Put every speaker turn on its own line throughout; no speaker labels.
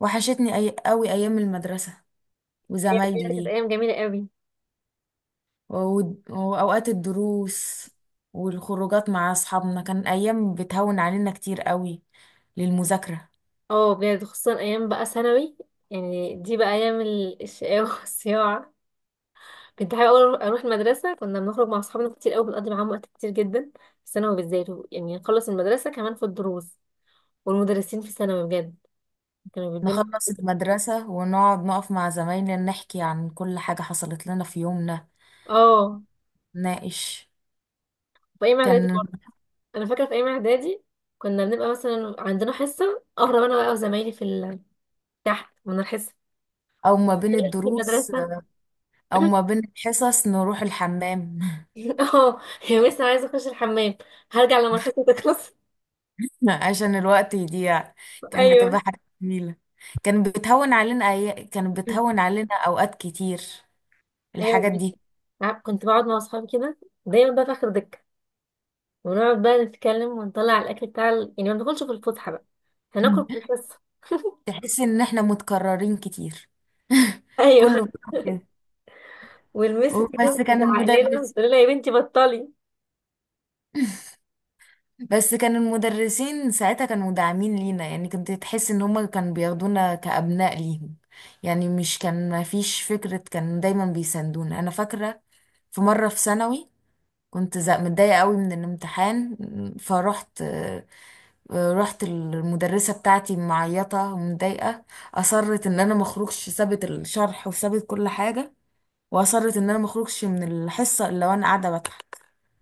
وحشتني قوي ايام المدرسة
أيام بجد كانت
وزمايلي
ايام جميله قوي.
واوقات الدروس والخروجات مع اصحابنا، كان ايام بتهون علينا كتير قوي للمذاكرة.
اه بجد خصوصا ايام بقى ثانوي. يعني دي بقى ايام الشقاوه والصياعه. كنت حابه أوي اروح المدرسه، كنا بنخرج مع اصحابنا كتير قوي، بنقضي معاهم وقت كتير جدا في ثانوي بالذات. يعني نخلص المدرسه كمان في الدروس، والمدرسين في ثانوي بجد كانوا بيدينا.
نخلص المدرسة ونقعد نقف مع زمايلنا نحكي عن كل حاجة حصلت لنا في يومنا،
اه،
نناقش.
في ايام اعدادي
كان
برضه. انا فاكره في ايام اعدادي كنا بنبقى مثلا عندنا حصه، اهرب انا بقى وزمايلي في تحت من الحصه
او ما بين
في
الدروس
المدرسه.
او ما بين الحصص نروح الحمام
اه هي لسه عايزه اخش الحمام، هرجع لما الحصه تخلص.
عشان الوقت يضيع. كان بتبقى
ايوه.
حاجة جميلة، كان بتهون علينا كان بتهون علينا اوقات كتير
ايوه
الحاجات
بجد.
دي.
عارف كنت بقعد مع اصحابي كده دايما بقى في اخر دكه، ونقعد بقى نتكلم ونطلع الاكل بتاع يعني ما بناكلش في الفسحه بقى، هناكل في الحصه.
تحس ان احنا متكررين كتير.
ايوه،
كله بيعمل كده.
والمس كده
بس كان
بتزعق لنا
المدرس
بتقول لها يا بنتي بطلي.
بس كان المدرسين ساعتها كانوا داعمين لينا، يعني كنت تحس ان هما كانوا بياخدونا كأبناء ليهم. يعني مش كان ما فيش فكرة، كان دايما بيساندونا. انا فاكرة في مرة في ثانوي كنت متضايقة قوي من الامتحان، فروحت رحت المدرسة بتاعتي معيطة ومتضايقة. أصرت إن أنا مخرجش، سابت الشرح وسابت كل حاجة، وأصرت إن أنا مخرجش من الحصة إلا وأنا قاعدة بضحك.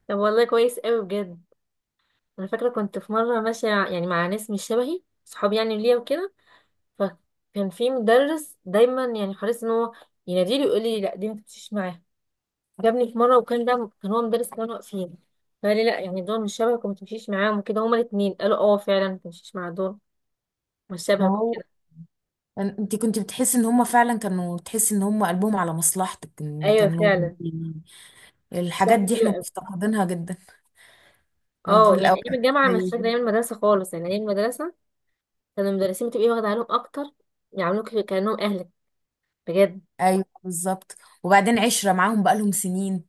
طب والله كويس قوي بجد. انا فاكره كنت في مره ماشيه يعني مع ناس مش شبهي، صحابي يعني ليا وكده، فكان في مدرس دايما يعني حريص ان هو يناديلي ويقول لي لا دي ما تمشيش معاها. جابني في مره وكان ده كان هو مدرس كانوا واقفين، فقال لي لا يعني دول مش شبهك وما تمشيش معاهم وكده. هما الاثنين قالوا اه فعلا ما تمشيش مع دول مش
ما
شبهك
هو
وكده.
انت كنت بتحسي ان هما فعلا، كانوا تحسي ان هما قلبهم على مصلحتك إن
ايوه
كانوا.
فعلا.
الحاجات
واحده
دي
حلوه
احنا
قوي.
مفتقدينها جدا في
اه يعني ايام
الاوقات
الجامعه مش
زي
فاكره،
دي.
ايام المدرسه خالص يعني ايام المدرسه كان المدرسين بتبقي واخده عليهم اكتر، يعاملوك كانهم اهلك بجد.
ايوه بالظبط، وبعدين عشرة معاهم بقالهم سنين،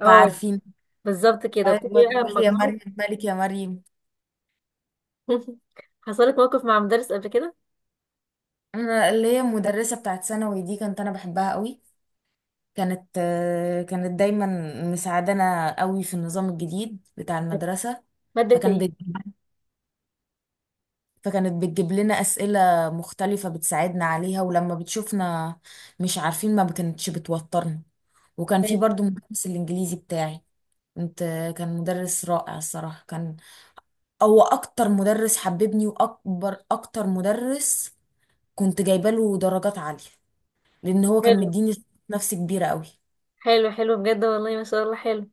اه
فعارفين.
بالظبط كده بتبقي
ايوه،
بقى
تروح يا
مجموعه.
مريم، مالك يا مريم.
حصلت موقف مع مدرس قبل كده.
انا اللي هي المدرسه بتاعت ثانوي دي كانت، انا بحبها قوي. كانت كانت دايما مساعدانا قوي في النظام الجديد بتاع المدرسه.
ماده
فكان
ايه
بتجيب فكانت بتجيب لنا اسئله مختلفه بتساعدنا عليها، ولما بتشوفنا مش عارفين ما كانتش بتوترنا. وكان في
كانت؟
برضو مدرس الانجليزي بتاعي، كنت، كان مدرس رائع الصراحه. كان هو اكتر مدرس حببني، واكبر اكتر مدرس كنت جايبه له درجات عاليه، لان هو كان
حلو
مديني ثقة، نفس كبيره قوي.
حلو حلو بجد، والله ما شاء الله حلو.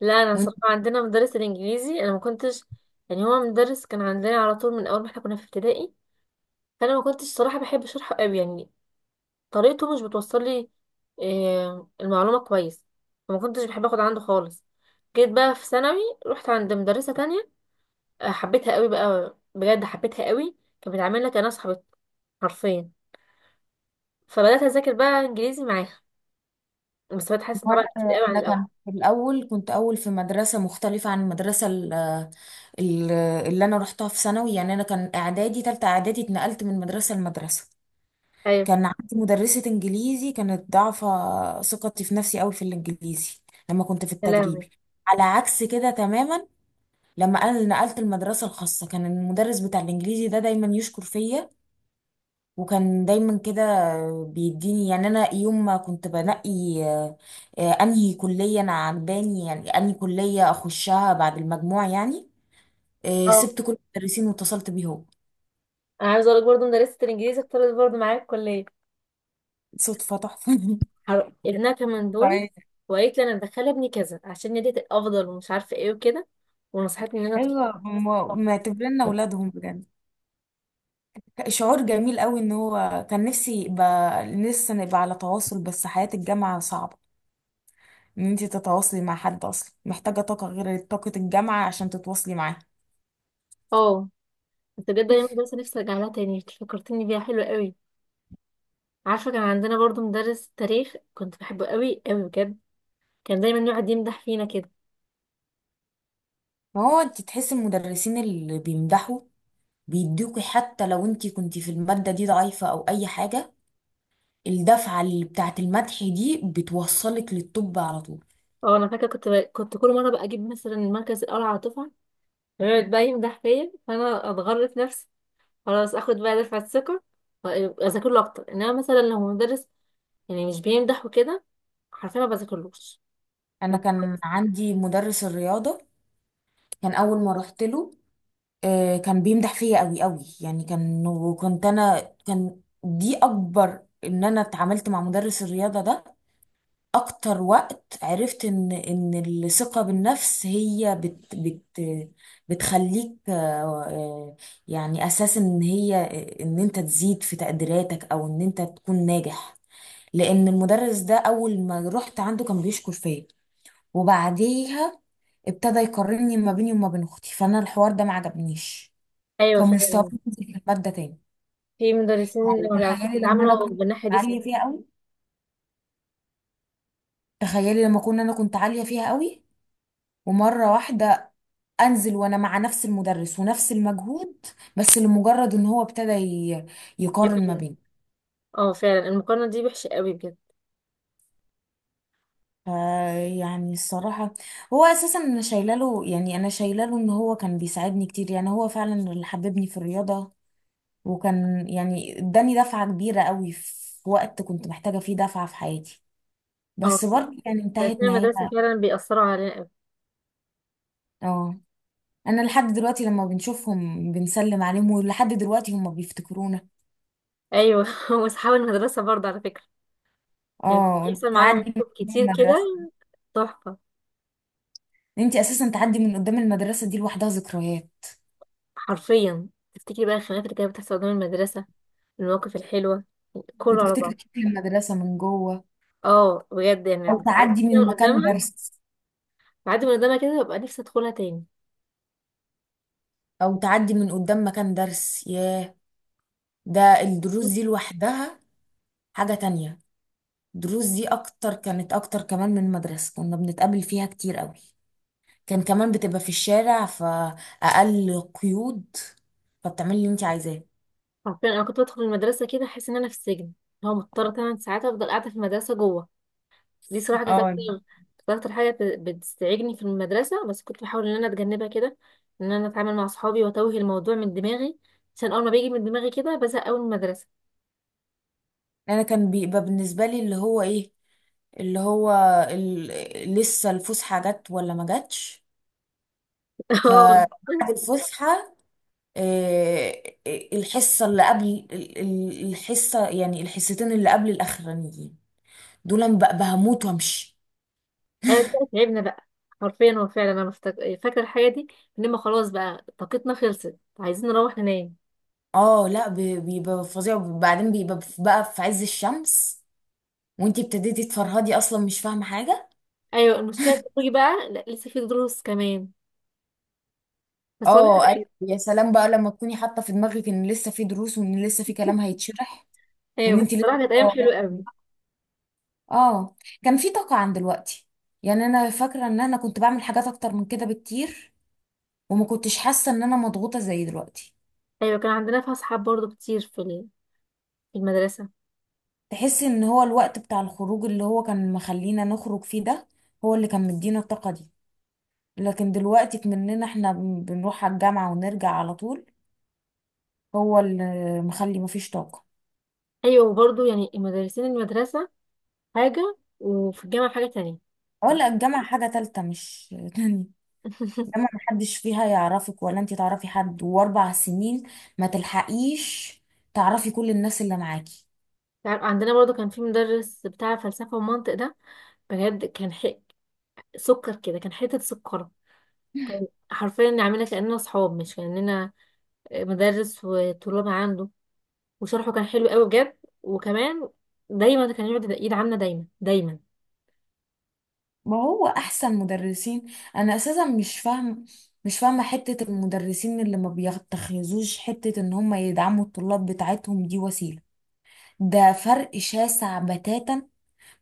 لا انا
وانت،
صراحه عندنا مدرس الانجليزي انا ما كنتش، يعني هو مدرس كان عندنا على طول من اول ما احنا كنا في ابتدائي، فانا ما كنتش صراحه بحب شرحه قوي يعني. طريقته مش بتوصل لي آه، المعلومه كويس، فما كنتش بحب اخد عنده خالص. جيت بقى في ثانوي، رحت عند مدرسه تانية، آه، حبيتها قوي بقى بجد حبيتها قوي. كانت بتعاملنا كانها صاحبتي حرفيا، فبدات اذاكر بقى انجليزي معاها بس بتحسن طبعا كتير
وانا
قوي عن
انا
الاول.
كان في الاول، كنت اول في مدرسه مختلفه عن المدرسه ال- اللي انا رحتها في ثانوي. يعني انا كان اعدادي، تالتة اعدادي، اتنقلت من مدرسه لمدرسه.
ايوه.
كان عندي مدرسه انجليزي كانت ضعفه ثقتي في نفسي قوي في الانجليزي لما كنت في
يا لهوي.
التجريبي، على عكس كده تماما لما انا نقلت المدرسه الخاصه. كان المدرس بتاع الانجليزي ده دايما يشكر فيا، وكان دايما كده بيديني. يعني انا يوم ما كنت بنقي آه، انهي كليه انا عجباني، يعني انهي كليه اخشها بعد المجموع، يعني
اه،
سبت كل المدرسين واتصلت بيه هو.
انا عايزه اقول لك برضه مدرسه الانجليزي اختارت برضه معايا الكليه.
صدفه تحفه.
ابنها كان من دوري،
طيب،
وقالت لي انا مدخله ابني كذا عشان نديت افضل ومش عارفه ايه وكده، ونصحتني ان انا أدخل.
ايوه، هم معتبرنا اولادهم بجد. شعور جميل قوي ان هو، كان نفسي يبقى لسه نبقى على تواصل، بس حياة الجامعة صعبة ان انت تتواصلي مع حد، اصلا محتاجة طاقة غير طاقة الجامعة عشان تتواصلي معاه.
اه. انت بجد ايام المدرسه نفسي ارجع لها تاني، إنت فكرتني بيها حلوه قوي. عارفه كان عندنا برضو مدرس تاريخ كنت بحبه قوي قوي بجد، كان دايما يقعد يمدح فينا كده.
ما هو انت تحس المدرسين اللي بيمدحوا بيدوكي، حتى لو انت كنت في المادة دي ضعيفة او اي حاجة، الدفعة اللي بتاعت المدح دي بتوصلك للطب على طول.
اه انا فاكره كنت كل مره بقى اجيب مثلا المركز الاول على الدفعه، فيقعد بقى يمدح فيا فانا اتغرف نفسي. خلاص اخد بقى دفعه ثقه واذاكر له اكتر. انما مثلا لو مدرس يعني مش بيمدح وكده، حرفيا ما بذاكرلوش.
انا كان عندي مدرس الرياضة، كان اول ما رحت له كان بيمدح فيا قوي قوي. يعني كان، وكنت انا، كان دي اكبر ان انا اتعاملت مع مدرس الرياضة ده. اكتر وقت عرفت ان ان الثقة بالنفس هي بت بتخليك آه، يعني اساس، ان هي ان انت تزيد في تقديراتك او ان انت تكون ناجح. لان المدرس ده اول ما رحت عنده كان بيشكر فيا، وبعديها ابتدى يقارني ما بيني وما بين اختي، فانا الحوار ده ما عجبنيش.
ايوه
فمستواي
فعلا.
نزل في المادة تاني.
في مدرسين ما بيعرفوش
تخيلي لما انا
يتعاملوا
كنت
بالناحيه دي، صح.
عالية فيها قوي، تخيلي لما كنا، انا كنت عالية فيها قوي، ومرة واحدة انزل وانا مع نفس المدرس ونفس المجهود، بس لمجرد ان هو ابتدى يقارن ما
يقارن.
بين.
اه فعلا المقارنه دي وحشه قوي بجد.
يعني الصراحة هو اساسا انا شايله له، يعني انا شايله له ان هو كان بيساعدني كتير. يعني هو فعلا اللي حببني في الرياضة، وكان يعني اداني دفعة كبيرة قوي في وقت كنت محتاجة فيه دفعة في حياتي، بس
اه،
برضه يعني انتهت
مدرسين
نهاية.
المدرسه فعلا بيأثروا علينا قوي.
اه، انا لحد دلوقتي لما بنشوفهم بنسلم عليهم، ولحد دلوقتي هم بيفتكرونا.
ايوه. واصحاب المدرسه برضه على فكره، يعني
اه،
بيحصل معانا
تعدي
مواقف
من
كتير كده
المدرسة،
تحفه.
ان انت اساسا تعدي من قدام المدرسه دي لوحدها ذكريات.
حرفيا تفتكري بقى الخناقات اللي كانت بتحصل قدام المدرسه، المواقف الحلوه، كله على
بتفتكري
بعض.
شكل المدرسه من جوه،
اه بجد، يعني
او
بعدي
تعدي
كده
من
من
مكان
قدامها،
درس،
بعدي من قدامها كده ببقى نفسي ادخلها تاني.
او تعدي من قدام مكان درس، ياه. ده الدروس دي لوحدها حاجه تانية. الدروس دي اكتر، كانت اكتر كمان من المدرسه كنا بنتقابل فيها كتير قوي. كان كمان بتبقى في الشارع، فاقل قيود، فبتعملي اللي انت عايزاه.
حرفيا انا كنت بدخل المدرسه كده احس ان انا في السجن، هو مضطره 8 ساعات افضل قاعده في المدرسه جوه. دي صراحه كانت
اه،
اكتر، بتستعجني في المدرسه، بس كنت بحاول ان انا اتجنبها كده، ان انا اتعامل مع اصحابي واتوه الموضوع من دماغي، عشان اول ما بيجي من دماغي كده بزهق قوي من المدرسه.
انا كان بيبقى بالنسبه لي اللي هو ايه، اللي هو ال... لسه الفسحه جت ولا ما جاتش. فبعد
اه.
الفسحة الحصة اللي قبل الحصة، يعني الحصتين اللي قبل الأخرانيين دول، أنا بقى بهموت وامشي.
أيوة، تعبنا بقى. حرفيا هو فعلا انا فاكره الحاجه دي، لما خلاص بقى طاقتنا خلصت عايزين نروح ننام.
اه لا، بيبقى فظيع، وبعدين بيبقى بقى في عز الشمس وانتي ابتديتي تفرهدي، اصلا مش فاهمة حاجة.
ايوه المشكله بتيجي بقى لا لسه في دروس كمان. بس والله
اه ايوه، يا سلام بقى لما تكوني حاطة في دماغك ان لسه في دروس، وان لسه في كلام هيتشرح، وان
ايوه بس
انتي لسه.
الصراحه كانت ايام حلوه قوي.
اه، كان في طاقة عن دلوقتي. يعني انا فاكرة ان انا كنت بعمل حاجات اكتر من كده بكتير، وما كنتش حاسة ان انا مضغوطة زي دلوقتي.
ايوه كان عندنا في اصحاب برضو كتير في في المدرسه.
تحس ان هو الوقت بتاع الخروج اللي هو كان مخلينا نخرج فيه ده، هو اللي كان مدينا الطاقة دي. لكن دلوقتي مننا احنا بنروح على الجامعة ونرجع على طول، هو اللي مخلي مفيش طاقة.
ايوه وبرضو يعني المدرسين المدرسه حاجه وفي الجامعه حاجه تانية.
ولا الجامعة حاجة تالتة، مش تانية. الجامعة محدش فيها يعرفك، ولا انت تعرفي حد، واربع سنين ما تلحقيش تعرفي كل الناس اللي معاكي.
تعرف عندنا برضو كان في مدرس بتاع فلسفه ومنطق ده بجد كان حق سكر كده، كان حته سكر. حرفيا نعملها كاننا اصحاب مش كاننا مدرس وطلاب عنده. وشرحه كان حلو قوي بجد. وكمان دايما كان يقعد ايد عامله دايما دايما.
ما هو احسن مدرسين. انا اساسا مش فاهم، مش فاهمه حته المدرسين اللي ما بيتخذوش حته ان هم يدعموا الطلاب بتاعتهم دي وسيله. ده فرق شاسع بتاتا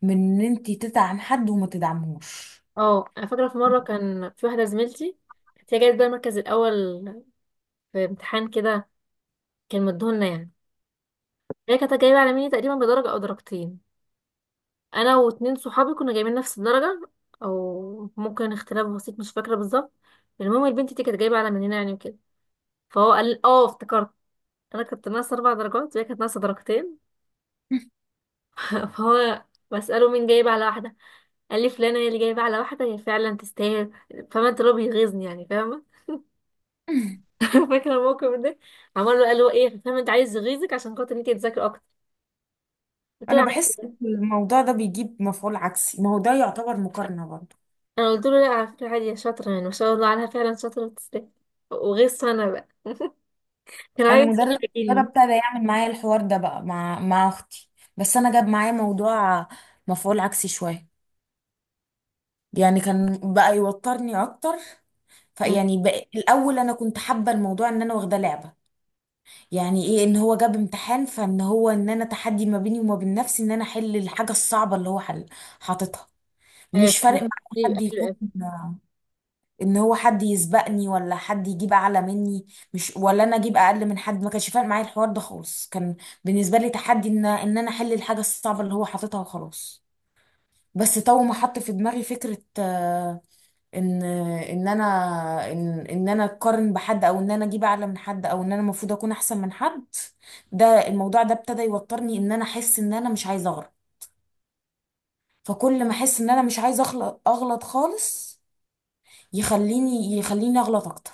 من ان انت تدعم حد وما تدعمهوش.
اه انا فاكره في مره كان في واحده زميلتي كانت هي جايبه بقى المركز الاول في امتحان كده كان مديهولنا يعني. هي كانت جايبة على مني تقريبا بدرجة أو درجتين، أنا واتنين صحابي كنا جايبين نفس الدرجة، أو ممكن اختلاف بسيط مش فاكرة بالظبط. المهم البنت دي كانت جايبة على مننا يعني وكده. فهو قال اه افتكرت، أنا كنت ناقصة 4 درجات وهي كانت ناقصة درجتين. فهو بسأله مين جايب على واحدة، قال لي فلانة هي اللي جايبة على واحدة هي فعلا تستاهل. فاهمة انت اللي هو بيغيظني يعني، فاهمة؟ فاكرة الموقف ده. عمال له قال له ايه، فاهمة انت عايز يغيظك عشان خاطر انت تذاكري أكتر؟ قلت له
انا بحس
عادي.
الموضوع ده بيجيب مفعول عكسي، ما هو ده يعتبر مقارنه برضه.
انا قلت له لا على فكره عادي يا شاطره، يعني ما شاء الله عليها فعلا شاطره وتستاهل. وغير سنه بقى كان
انا
عايز
مدرس ده
يعجبني.
ابتدى يعمل معايا الحوار ده بقى مع اختي، بس انا جاب معايا موضوع، مفعول عكسي شويه. يعني كان بقى يوترني اكتر. فيعني الاول انا كنت حابه الموضوع، ان انا واخده لعبه. يعني ايه؟ ان هو جاب امتحان، فان هو ان انا تحدي ما بيني وما بين نفسي ان انا احل الحاجه الصعبه اللي هو حل، حاططها.
ايوه
مش فارق
حلو.
معايا
ايوه
حد
حلو
يكون،
قوي.
ان هو حد يسبقني ولا حد يجيب اعلى مني، مش ولا انا اجيب اقل من حد. ما كانش فارق معايا الحوار ده خالص، كان بالنسبه لي تحدي ان انا احل الحاجه الصعبه اللي هو حاططها وخلاص. بس طول ما حط في دماغي فكره ان ان انا اقارن بحد، او ان انا اجيب اعلى من حد، او ان انا المفروض اكون احسن من حد، ده الموضوع ده ابتدى يوترني، ان انا احس ان انا مش عايزه اغلط. فكل ما احس ان انا مش عايزه اغلط، اغلط خالص، يخليني اغلط اكتر.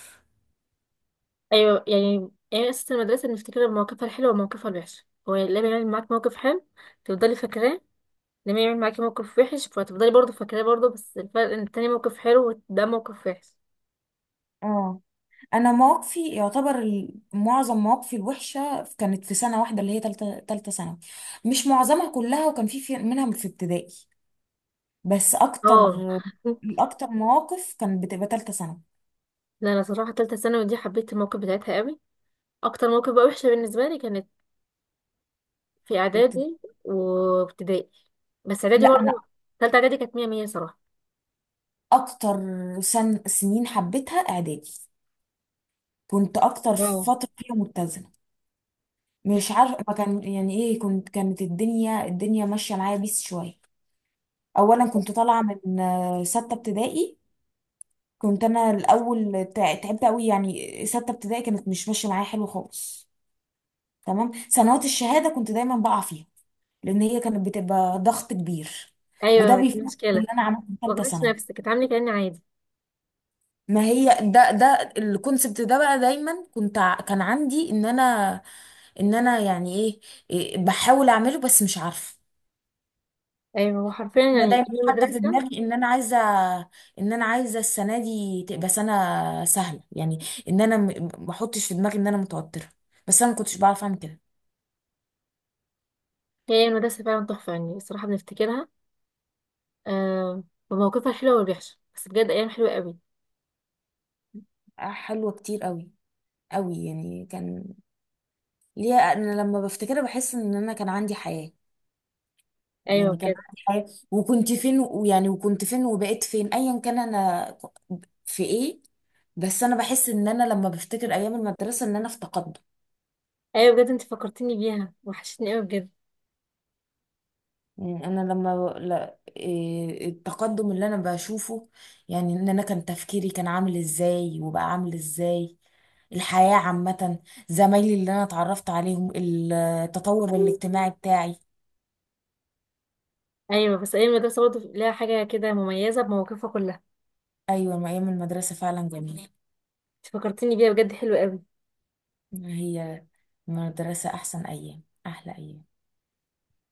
ايوه يعني يعني اساس المدرسه بنفتكر مواقفها الحلوه ومواقفها الوحشه. هو لما يعمل معاك موقف حلو تفضلي فاكراه، لما يعمل معاكي موقف وحش فتفضلي برضه فاكراه برضه، بس الفرق ان التاني موقف حلو وده موقف وحش.
اه، انا مواقفي يعتبر معظم مواقفي الوحشه كانت في سنه واحده اللي هي تالته ثانوي. مش معظمها كلها، وكان منها في ابتدائي، بس اكتر،
اه.
اكتر مواقف كانت بتبقى تالته ثانوي.
لا انا صراحه تالتة ثانوي دي حبيت الموقف بتاعتها قوي. اكتر موقف بقى وحشه بالنسبه لي كانت في اعدادي وابتدائي، بس اعدادي
لا
برضه.
انا
تالتة اعدادي كانت مية مية صراحة.
اكتر سنين حبيتها اعدادي، كنت اكتر
اه
فتره فيها متزنه. مش عارفه ما كان يعني ايه، كنت كانت الدنيا ماشيه معايا بيس شويه. اولا كنت طالعه من سته ابتدائي، كنت انا الاول تعبت قوي. يعني سته ابتدائي كانت مش ماشيه معايا حلو خالص. تمام سنوات الشهاده كنت دايما بقع فيها، لان هي كانت بتبقى ضغط كبير. وده
ايوه دي
بيفهم اللي
مشكلة.
انا عملته في ثالثه
مبغضيش
ثانوي.
نفسك، اتعاملي كأني عادي.
ما هي ده الكونسبت ده بقى دايما كنت كان عندي ان انا، ان انا يعني ايه، إيه بحاول اعمله بس مش عارفه.
ايوه هو حرفيا
انا
يعني
دايما
هي
حاطه في
المدرسة
دماغي ان انا عايزه، ان انا عايزه السنه دي تبقى سنه سهله. يعني ان انا ما احطش في دماغي ان انا متوتره، بس انا ما كنتش بعرف اعمل كده.
هي المدرسة فعلا تحفة يعني الصراحة بنفتكرها آه بمواقفها الحلوة والوحشة، بس بجد ايام حلوة قوي.
حلوه كتير قوي، قوي يعني. كان ليها، انا لما بفتكرها بحس ان انا كان عندي حياه.
ايوه
يعني كان
بجد.
عندي حياه وكنت فين، ويعني وكنت فين وبقيت فين، ايا كان انا في ايه. بس انا بحس ان انا لما بفتكر ايام المدرسه ان انا في تقدم.
ايوه بجد انت فكرتيني بيها وحشتني قوي بجد.
يعني انا لما لا إيه التقدم اللي انا بشوفه، يعني ان انا كان تفكيري كان عامل ازاي وبقى عامل ازاي، الحياه عامه، زمايلي اللي انا اتعرفت عليهم، التطور الاجتماعي بتاعي.
ايوه بس ايام المدرسة برضه ليها حاجة كده مميزة بمواقفها كلها.
ايوه، ما ايام المدرسه فعلا جميله.
انت فكرتيني بيها بجد حلوة قوي.
هي المدرسه احسن ايام، احلى ايام.